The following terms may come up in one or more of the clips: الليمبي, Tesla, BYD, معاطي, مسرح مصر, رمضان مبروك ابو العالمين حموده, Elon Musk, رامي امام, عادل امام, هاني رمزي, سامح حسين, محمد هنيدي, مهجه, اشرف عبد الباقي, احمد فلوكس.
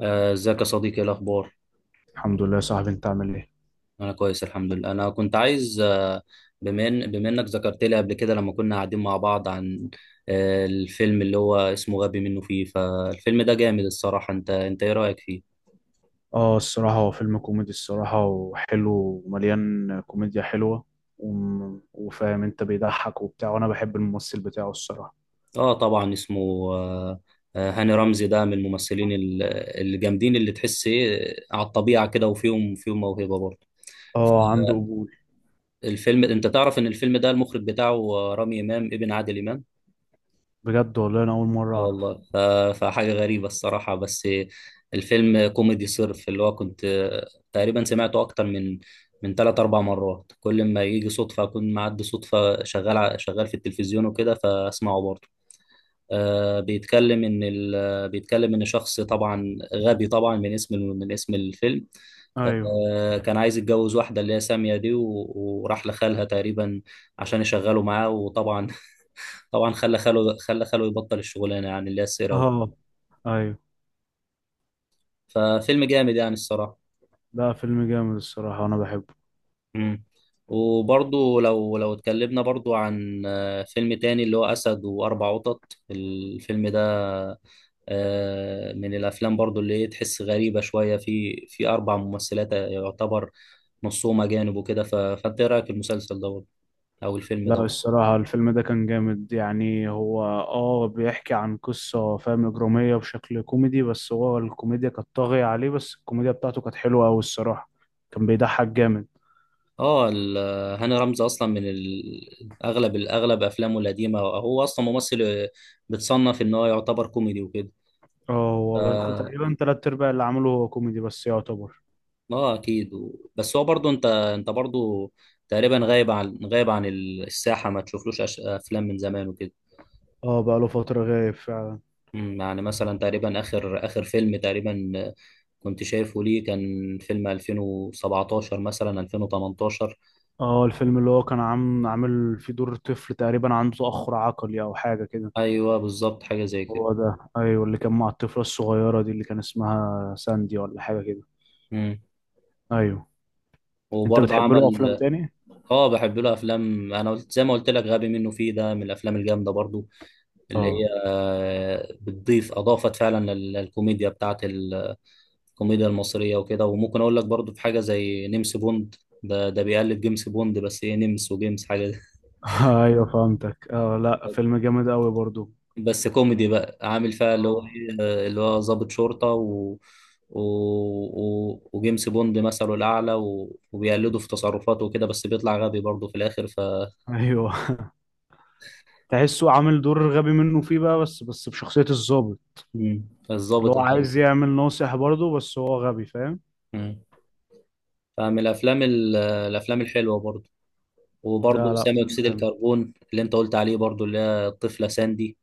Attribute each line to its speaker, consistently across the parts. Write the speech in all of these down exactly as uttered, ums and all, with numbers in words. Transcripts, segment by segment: Speaker 1: آه، ازيك يا صديقي، ايه الاخبار؟
Speaker 2: الحمد لله يا صاحبي، انت عامل ايه؟
Speaker 1: انا كويس الحمد لله. انا كنت عايز آه، بما إن- بما انك ذكرت لي قبل كده لما كنا قاعدين مع بعض عن آه، الفيلم اللي هو اسمه غبي منه فيه. فالفيلم ده جامد الصراحة. انت انت ايه رأيك فيه؟
Speaker 2: اه الصراحة هو فيلم كوميدي الصراحة، وحلو ومليان كوميديا حلوة. وم- وفاهم انت، بيضحك وبتاع، وانا بحب الممثل بتاعه الصراحة.
Speaker 1: اه طبعا اسمه آه، آه، هاني رمزي ده من الممثلين ال- الجامدين اللي تحس ايه على الطبيعة كده، وفيهم فيهم موهبة برضه.
Speaker 2: اه عنده قبول.
Speaker 1: الفيلم، انت تعرف ان الفيلم ده المخرج بتاعه آه، رامي امام ابن عادل امام.
Speaker 2: بجد والله انا اول مرة
Speaker 1: اه
Speaker 2: اعرف.
Speaker 1: والله ف... فحاجة غريبة الصراحة. بس الفيلم كوميدي صرف. اللي هو كنت تقريبا سمعته أكتر من من تلات أربع مرات. كل ما يجي صدفة أكون معدي، صدفة شغال ع- شغال في التلفزيون وكده، فأسمعه برضه. آه، بيتكلم ان ال... بيتكلم ان شخص طبعا غبي، طبعا من اسم من اسم الفيلم.
Speaker 2: ايوه.
Speaker 1: آه، كان عايز يتجوز واحده اللي هي ساميه دي و... وراح لخالها تقريبا عشان يشغله معاه. وطبعا طبعا خلى خاله خلى خاله يبطل الشغلانه يعني، اللي هي السيره، و-
Speaker 2: اه. ايوه،
Speaker 1: ففيلم جامد يعني الصراحه.
Speaker 2: لا فيلم جامد الصراحة، انا بحبه.
Speaker 1: مم. وبرضو لو لو اتكلمنا برضو عن آه، فيلم تاني اللي هو اسد واربع قطط. الفيلم ده آه، من الافلام برضو اللي هي تحس غريبه شويه. في في اربع ممثلات يعتبر نصهم اجانب وكده، ف- فانت ايه رايك في المسلسل دوت او الفيلم
Speaker 2: لا
Speaker 1: دوت؟
Speaker 2: الصراحة الفيلم ده كان جامد، يعني هو اه بيحكي عن قصة فاهم إجرامية بشكل كوميدي، بس هو الكوميديا كانت طاغية عليه، بس الكوميديا بتاعته كانت حلوة أوي الصراحة. كان بيضحك جامد.
Speaker 1: اه ال- هاني رمزي اصلا من ال- اغلب الاغلب افلامه القديمه، هو اصلا ممثل آه، بتصنف ان هو يعتبر كوميدي وكده.
Speaker 2: اه هو بس- كنت
Speaker 1: اه
Speaker 2: تقريبا تلات ارباع اللي عمله هو كوميدي بس يعتبر.
Speaker 1: آه، اكيد و- بس هو برضو انت انت برضو تقريبا غايب عن غايب عن الساحه. ما تشوفلوش أش- افلام من زمان وكده.
Speaker 2: اه بقى له فترة غايب فعلا.
Speaker 1: مم، يعني مثلا تقريبا اخر اخر فيلم تقريبا آه، كنت شايفه ليه كان فيلم ألفين وسبعتاشر مثلا ألفين وتمنتاشر.
Speaker 2: اه الفيلم اللي هو كان عامل عامل فيه دور طفل تقريبا عنده تأخر عقلي او حاجة كده.
Speaker 1: ايوه بالظبط حاجه زي كده.
Speaker 2: هو ده، ايوه، اللي كان مع الطفلة الصغيرة دي اللي كان اسمها ساندي ولا حاجة كده.
Speaker 1: مم.
Speaker 2: ايوه. انت
Speaker 1: وبرضه
Speaker 2: بتحب له افلام
Speaker 1: عمل.
Speaker 2: تاني؟
Speaker 1: اه بحب له افلام، انا قلت زي ما قلت لك غبي منه فيه ده من الافلام الجامده برضه اللي هي
Speaker 2: اه
Speaker 1: آه، بتضيف، اضافت فعلا لل- للكوميديا بتاعت ال- الكوميديا المصريه وكده. وممكن اقول لك برضه في حاجه زي نمس بوند. ده ده بيقلد جيمس بوند، بس ايه، نمس وجيمس حاجه.
Speaker 2: ايوه فهمتك. اه لا فيلم جامد قوي برضو.
Speaker 1: بس كوميدي بقى، عامل فيها اللي هو
Speaker 2: اه.
Speaker 1: ايه اللي هو ضابط شرطة، و... و... و... وجيمس بوند مثله الأعلى، و... وبيقلده في تصرفاته وكده، بس بيطلع غبي برضه في الآخر ف.
Speaker 2: ايوه تحسه عامل دور غبي منه فيه بقى، بس بس بشخصية الضابط
Speaker 1: مم.
Speaker 2: اللي
Speaker 1: فالظابط
Speaker 2: هو
Speaker 1: الغبي.
Speaker 2: عايز يعمل ناصح برضه، بس هو غبي فاهم.
Speaker 1: مم. فمن الأفلام ال... الأفلام الحلوة برضه.
Speaker 2: لا
Speaker 1: وبرضه
Speaker 2: لا،
Speaker 1: ثاني
Speaker 2: فيلم
Speaker 1: أكسيد
Speaker 2: جامد.
Speaker 1: الكربون اللي أنت قلت عليه برضه، اللي هي الطفلة ساندي.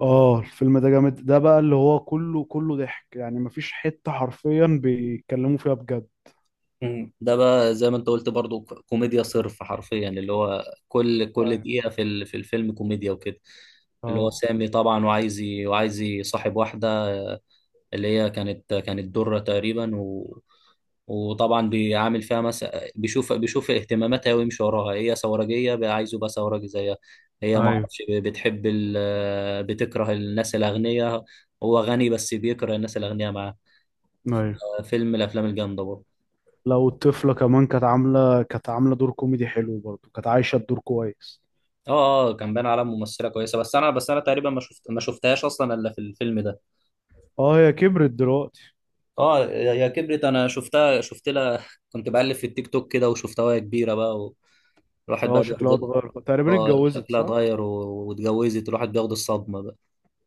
Speaker 2: اه الفيلم ده جامد، ده بقى اللي هو كله كله ضحك، يعني مفيش حتة حرفيا بيتكلموا فيها بجد.
Speaker 1: مم. ده بقى زي ما انت قلت برضو، ك- كوميديا صرف حرفيا، اللي هو كل كل
Speaker 2: ايوه.
Speaker 1: دقيقة في ال- في الفيلم كوميديا وكده. اللي هو
Speaker 2: اه.
Speaker 1: سامي طبعا وعايز ي- وعايز يصاحب واحدة آه، اللي هي كانت كانت درة تقريبا، و وطبعا بيعامل فيها مثلا، بيشوف بيشوف اهتماماتها ويمشي وراها. هي ثورجية بقى، عايزه يبقى ثورجي زيها. هي ما
Speaker 2: ايوه.
Speaker 1: اعرفش ب- بتحب ال... آه، بتكره الناس الأغنياء. هو غني بس بيكره الناس الأغنياء معاه.
Speaker 2: ايوه
Speaker 1: آه، فيلم من الأفلام الجامدة برضه.
Speaker 2: لو الطفلة كمان كانت عاملة كانت عاملة دور كوميدي حلو برضه، كانت عايشة الدور كويس.
Speaker 1: اه اه كان باين على ممثله كويسه. بس انا بس انا تقريبا ما شفت ما شفتهاش اصلا الا في الفيلم ده.
Speaker 2: اه هي كبرت دلوقتي.
Speaker 1: اه يا يا كبرت، انا شفتها شفت لها كنت بقلب في التيك توك كده وشفتها وهي كبيره بقى، والواحد
Speaker 2: اه
Speaker 1: بقى
Speaker 2: شكلها
Speaker 1: بياخد.
Speaker 2: اتغير، تقريبا
Speaker 1: اه
Speaker 2: اتجوزت،
Speaker 1: شكلها
Speaker 2: صح؟
Speaker 1: اتغير و- واتجوزت، الواحد بياخد الصدمه بقى.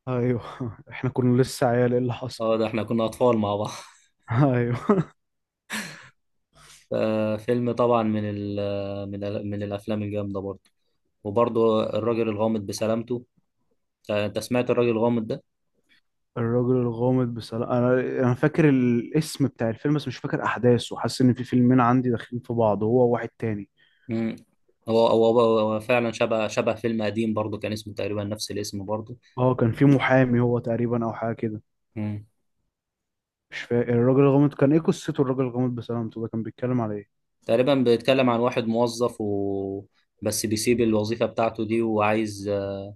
Speaker 2: ايوه احنا كنا لسه عيال، ايه اللي حصل؟
Speaker 1: اه ده احنا كنا اطفال مع بعض
Speaker 2: ايوه.
Speaker 1: آه، فيلم طبعا من ال من ال من الافلام الجامده برضه. وبرضه الراجل الغامض بسلامته. آه، انت سمعت الراجل الغامض ده؟
Speaker 2: الراجل الغامض بسلام، انا انا فاكر الاسم بتاع الفيلم بس مش فاكر احداثه، حاسس ان في فيلمين عندي داخلين في بعض، هو واحد تاني.
Speaker 1: مم. هو هو هو هو فعلا شبه شبه فيلم قديم برضه، كان اسمه تقريبا نفس الاسم برضه.
Speaker 2: اه كان في محامي هو تقريبا او حاجه كده.
Speaker 1: مم.
Speaker 2: مش فاكر الراجل الغامض كان ايه قصته، الراجل الغامض بسلامته ده كان بيتكلم على ايه؟
Speaker 1: تقريبا بيتكلم عن واحد موظف، و... بس بيسيب الوظيفة بتاعته دي، وعايز آه،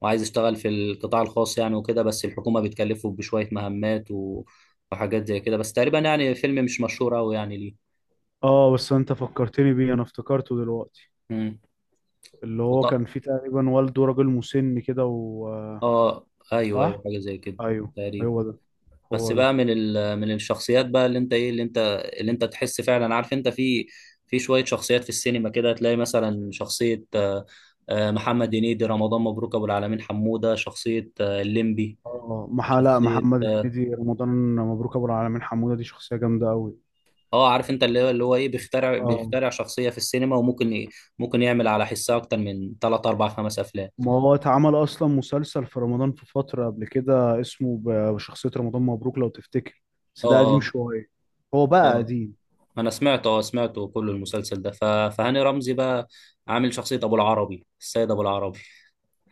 Speaker 1: وعايز يشتغل في القطاع الخاص يعني وكده، بس الحكومة بتكلفه بشوية مهمات و... وحاجات زي كده. بس تقريبا يعني فيلم مش مشهور أوي يعني ليه.
Speaker 2: اه بس انت فكرتني بيه، انا افتكرته دلوقتي.
Speaker 1: مم.
Speaker 2: اللي هو كان
Speaker 1: وط...
Speaker 2: فيه تقريبا والده راجل مسن كده و آه،
Speaker 1: اه ايوه ايوه
Speaker 2: صح.
Speaker 1: حاجة زي كده
Speaker 2: ايوه
Speaker 1: تقريبا.
Speaker 2: هو ده،
Speaker 1: بس
Speaker 2: هو ده.
Speaker 1: بقى من ال... من الشخصيات بقى اللي انت ايه اللي انت اللي انت تحس فعلا، عارف انت في في شويه شخصيات في السينما كده. تلاقي مثلا شخصيه آه، آه، محمد هنيدي، رمضان مبروك ابو العالمين حموده، شخصيه آه، الليمبي،
Speaker 2: اه مح... لا،
Speaker 1: شخصيه
Speaker 2: محمد
Speaker 1: اه
Speaker 2: هنيدي، رمضان مبروك ابو العالمين حموده دي شخصيه جامده قوي.
Speaker 1: آه، عارف انت اللي هو اللي هو ايه، بيخترع
Speaker 2: اه
Speaker 1: بيخترع شخصيه في السينما، وممكن ي- ممكن يعمل على حسها اكتر من ثلاثة أربعة خمسه افلام.
Speaker 2: ما هو اتعمل اصلا مسلسل في رمضان في فتره قبل كده اسمه ب- بشخصيه رمضان مبروك لو تفتكر. بس
Speaker 1: اه
Speaker 2: ده قديم
Speaker 1: اه
Speaker 2: شويه. هو بقى
Speaker 1: اه
Speaker 2: قديم.
Speaker 1: انا سمعته اه سمعته كل المسلسل ده. ف... فهاني رمزي بقى عامل شخصيه ابو العربي، السيد ابو العربي.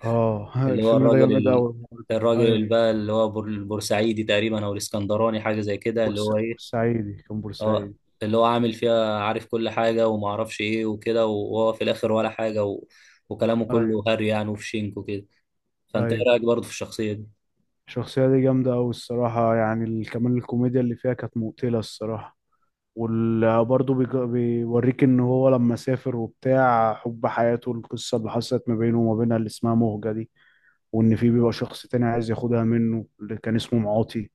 Speaker 2: اه
Speaker 1: اللي هو
Speaker 2: الفيلم ده
Speaker 1: الراجل
Speaker 2: جامد
Speaker 1: ال...
Speaker 2: قوي.
Speaker 1: الراجل اللي
Speaker 2: ايوه،
Speaker 1: بقى اللي هو بور- البورسعيدي تقريبا او الاسكندراني حاجه زي كده، اللي
Speaker 2: بورسا
Speaker 1: هو ايه
Speaker 2: بورسعيدي، كان
Speaker 1: اه
Speaker 2: بورسعيدي.
Speaker 1: اللي هو عامل فيها عارف كل حاجه وما اعرفش ايه وكده، وهو في الاخر ولا حاجه، و... وكلامه
Speaker 2: ايوه.
Speaker 1: كله هري يعني، وفي شينك وكده. فانت ايه
Speaker 2: ايوه
Speaker 1: رايك برضه في الشخصيه دي؟
Speaker 2: الشخصيه دي جامده قوي الصراحه، يعني ال- كمان الكوميديا اللي فيها كانت مقتله الصراحه. وبرضه بيوريك ان هو لما سافر وبتاع حب حياته، القصه اللي حصلت ما بينه وما بينها اللي اسمها مهجه دي، وان في بيبقى
Speaker 1: مم.
Speaker 2: شخص تاني عايز ياخدها منه اللي كان اسمه معاطي.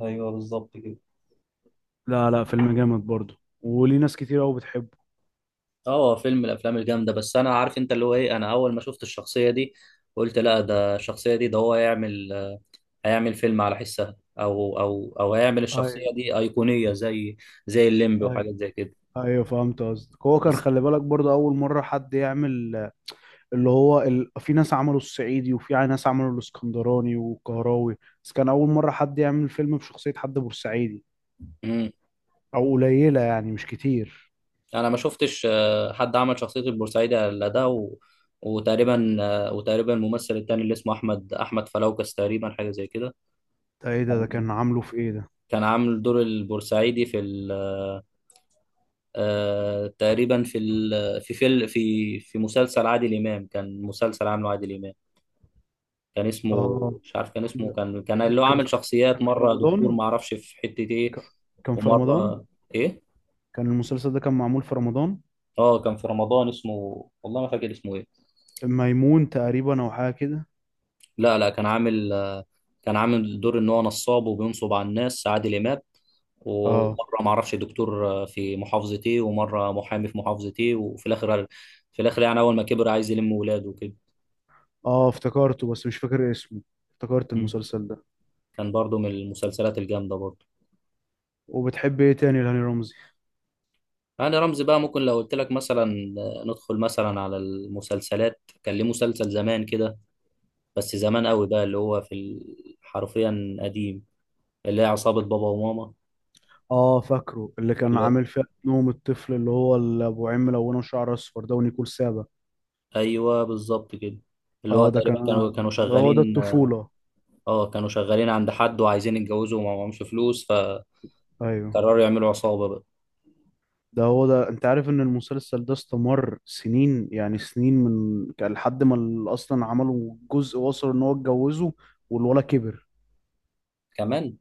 Speaker 1: ايوه بالظبط كده.
Speaker 2: لا لا فيلم جامد برضه، وليه ناس كتير قوي بتحبه.
Speaker 1: اه هو فيلم من الافلام الجامده. بس انا عارف انت اللي هو ايه، انا اول ما شفت الشخصيه دي قلت لا، ده الشخصيه دي ده هو هيعمل هيعمل فيلم على حسها، او او او هيعمل الشخصيه
Speaker 2: ايوه.
Speaker 1: دي ايقونيه زي زي الليمبي
Speaker 2: ايوه.
Speaker 1: وحاجات زي كده.
Speaker 2: ايوه فهمت قصدك، هو كان
Speaker 1: بس
Speaker 2: خلي بالك برضه اول مره حد يعمل اللي هو ال... في ناس عملوا الصعيدي وفي ناس عملوا الاسكندراني والقهراوي، بس كان أول مرة حد يعمل فيلم بشخصية حد بورسعيدي.
Speaker 1: امم
Speaker 2: أو قليلة يعني مش كتير.
Speaker 1: انا ما شفتش آه، حد عمل شخصيه البورسعيدي الا ده، و... وتقريبا آه، وتقريبا الممثل التاني اللي اسمه احمد احمد فلوكس تقريبا حاجه زي كده.
Speaker 2: ده إيه ده، ده كان عامله في إيه ده؟
Speaker 1: كان عامل دور البورسعيدي في ال... آه، تقريبا في ال... في فيل... في في مسلسل عادل امام. كان مسلسل عامله عادل امام، كان اسمه،
Speaker 2: آه.
Speaker 1: مش عارف كان
Speaker 2: ده
Speaker 1: اسمه، كان كان
Speaker 2: ده
Speaker 1: اللي هو
Speaker 2: كان
Speaker 1: عامل
Speaker 2: ده
Speaker 1: شخصيات،
Speaker 2: كان في
Speaker 1: مره دكتور
Speaker 2: رمضان.
Speaker 1: ما اعرفش في حته ايه،
Speaker 2: ك- كان في رمضان.
Speaker 1: ومره ايه.
Speaker 2: كان المسلسل ده كان معمول في رمضان.
Speaker 1: اه كان في رمضان اسمه، والله ما فاكر اسمه ايه.
Speaker 2: ميمون تقريبا أو حاجة كده.
Speaker 1: لا لا كان عامل آه، كان عامل دور ان هو نصاب وبينصب على الناس، عادل امام.
Speaker 2: آه.
Speaker 1: ومره ما اعرفش دكتور آه، في محافظتي، ومره محامي في محافظتي، وفي الاخر، في الاخر يعني اول ما كبر عايز يلم ولاده وكده.
Speaker 2: آه افتكرته بس مش فاكر اسمه، افتكرت
Speaker 1: مم.
Speaker 2: المسلسل ده.
Speaker 1: كان برضو من المسلسلات الجامده برضو.
Speaker 2: وبتحب إيه تاني لهاني رمزي؟
Speaker 1: يعني رمزي بقى، ممكن لو قلت لك مثلا آه، ندخل مثلا على المسلسلات، كان ليه مسلسل زمان كده، بس زمان قوي بقى، اللي هو في ال- حرفيا قديم، اللي هي عصابه بابا وماما.
Speaker 2: اه فاكره اللي كان عامل فيها نوم الطفل اللي هو اللي ابو عين ملونه وشعر اصفر ده ونيكول سابا.
Speaker 1: ايوه بالظبط كده. اللي هو
Speaker 2: اه ده
Speaker 1: تقريبا
Speaker 2: كان،
Speaker 1: كانوا كانوا
Speaker 2: ده هو ده
Speaker 1: شغالين.
Speaker 2: الطفوله.
Speaker 1: اه كانوا شغالين عند حد وعايزين يتجوزوا وما معهمش فلوس، فقرروا
Speaker 2: ايوه
Speaker 1: يعملوا عصابة بقى.
Speaker 2: ده هو ده، انت عارف ان المسلسل ده استمر سنين يعني سنين، من كان لحد ما ال- اصلا عملوا جزء وصل ان هو اتجوزه والولد كبر.
Speaker 1: كمان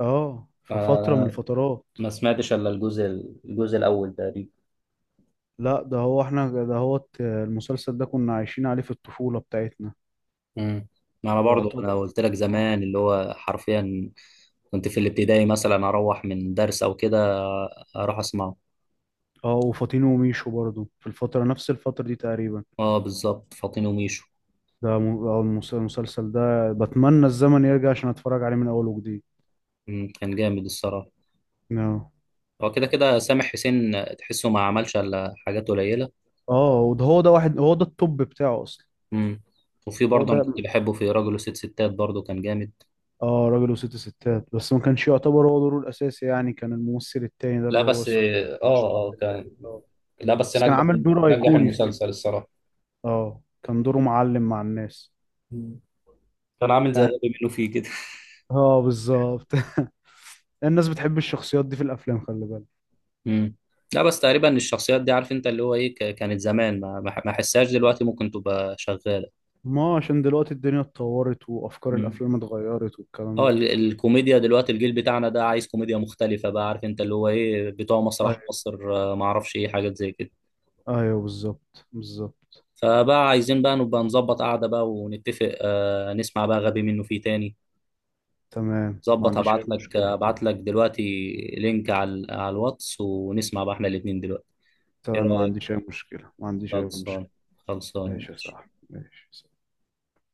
Speaker 2: اه في فتره من
Speaker 1: آه
Speaker 2: الفترات.
Speaker 1: ما سمعتش الا الجزء الجزء الاول تقريبا.
Speaker 2: لا ده هو، احنا ده هو المسلسل ده كنا عايشين عليه في الطفوله بتاعتنا.
Speaker 1: امم ما انا برضو، انا
Speaker 2: يعتبر.
Speaker 1: قلت لك زمان اللي هو حرفيا كنت في الابتدائي مثلا، اروح من درس او كده اروح اسمعه.
Speaker 2: اه وفاطين وميشو برضو في الفتره نفس الفتره دي تقريبا.
Speaker 1: اه بالظبط فاطين وميشو.
Speaker 2: ده م- آه، المس- المسلسل ده بتمنى الزمن يرجع عشان اتفرج عليه من اول وجديد.
Speaker 1: مم، كان جامد الصراحة.
Speaker 2: No.
Speaker 1: هو كده كده سامح حسين تحسه ما عملش الا حاجات قليلة.
Speaker 2: اه وده هو ده واحد، هو ده التوب بتاعه اصلا.
Speaker 1: امم وفي
Speaker 2: هو
Speaker 1: برضه انا
Speaker 2: ده.
Speaker 1: كنت بحبه في راجل وست ستات برضه كان جامد.
Speaker 2: اه راجل وست ستات، بس ما كانش يعتبر هو دوره الاساسي، يعني كان الممثل التاني ده
Speaker 1: لا
Speaker 2: اللي هو
Speaker 1: بس
Speaker 2: اسمه
Speaker 1: اه
Speaker 2: اشرف
Speaker 1: اه
Speaker 2: عبد الباقي
Speaker 1: كان.
Speaker 2: اه.
Speaker 1: لا بس
Speaker 2: بس كان
Speaker 1: نجح
Speaker 2: عامل دور
Speaker 1: نجح
Speaker 2: ايقوني فيه.
Speaker 1: المسلسل الصراحه.
Speaker 2: اه كان دوره معلم مع الناس.
Speaker 1: مم. كان عامل زي
Speaker 2: يعني
Speaker 1: غبي منه فيه كده.
Speaker 2: اه بالظبط الناس بتحب الشخصيات دي في الافلام خلي بالك.
Speaker 1: امم لا بس تقريبا الشخصيات دي، عارف انت اللي هو ايه، ك- كانت زمان، ما ما ما احسهاش دلوقتي ممكن تبقى شغاله.
Speaker 2: ما عشان دلوقتي الدنيا اتطورت، وافكار
Speaker 1: امم
Speaker 2: الافلام اتغيرت
Speaker 1: اه
Speaker 2: والكلام.
Speaker 1: ال- الكوميديا دلوقتي، الجيل بتاعنا ده عايز كوميديا مختلفه بقى، عارف انت اللي هو ايه، بتوع مسرح
Speaker 2: ده
Speaker 1: مصر آه، ما اعرفش ايه، حاجات زي كده.
Speaker 2: ايوه، بالظبط بالظبط.
Speaker 1: فبقى عايزين بقى نبقى نظبط قعده بقى ونتفق. آه نسمع بقى غبي منه فيه تاني.
Speaker 2: تمام ما
Speaker 1: ظبط.
Speaker 2: عنديش
Speaker 1: هبعت
Speaker 2: اي
Speaker 1: لك
Speaker 2: مشكلة.
Speaker 1: هبعت لك دلوقتي لينك على على الواتس، ونسمع بقى احنا الاتنين دلوقتي. ايه
Speaker 2: تمام ما عنديش
Speaker 1: رأيك؟
Speaker 2: اي مشكلة، ما عنديش اي
Speaker 1: خلصان.
Speaker 2: مشكلة.
Speaker 1: خلصان.
Speaker 2: ماشي يا صاحبي ماشي.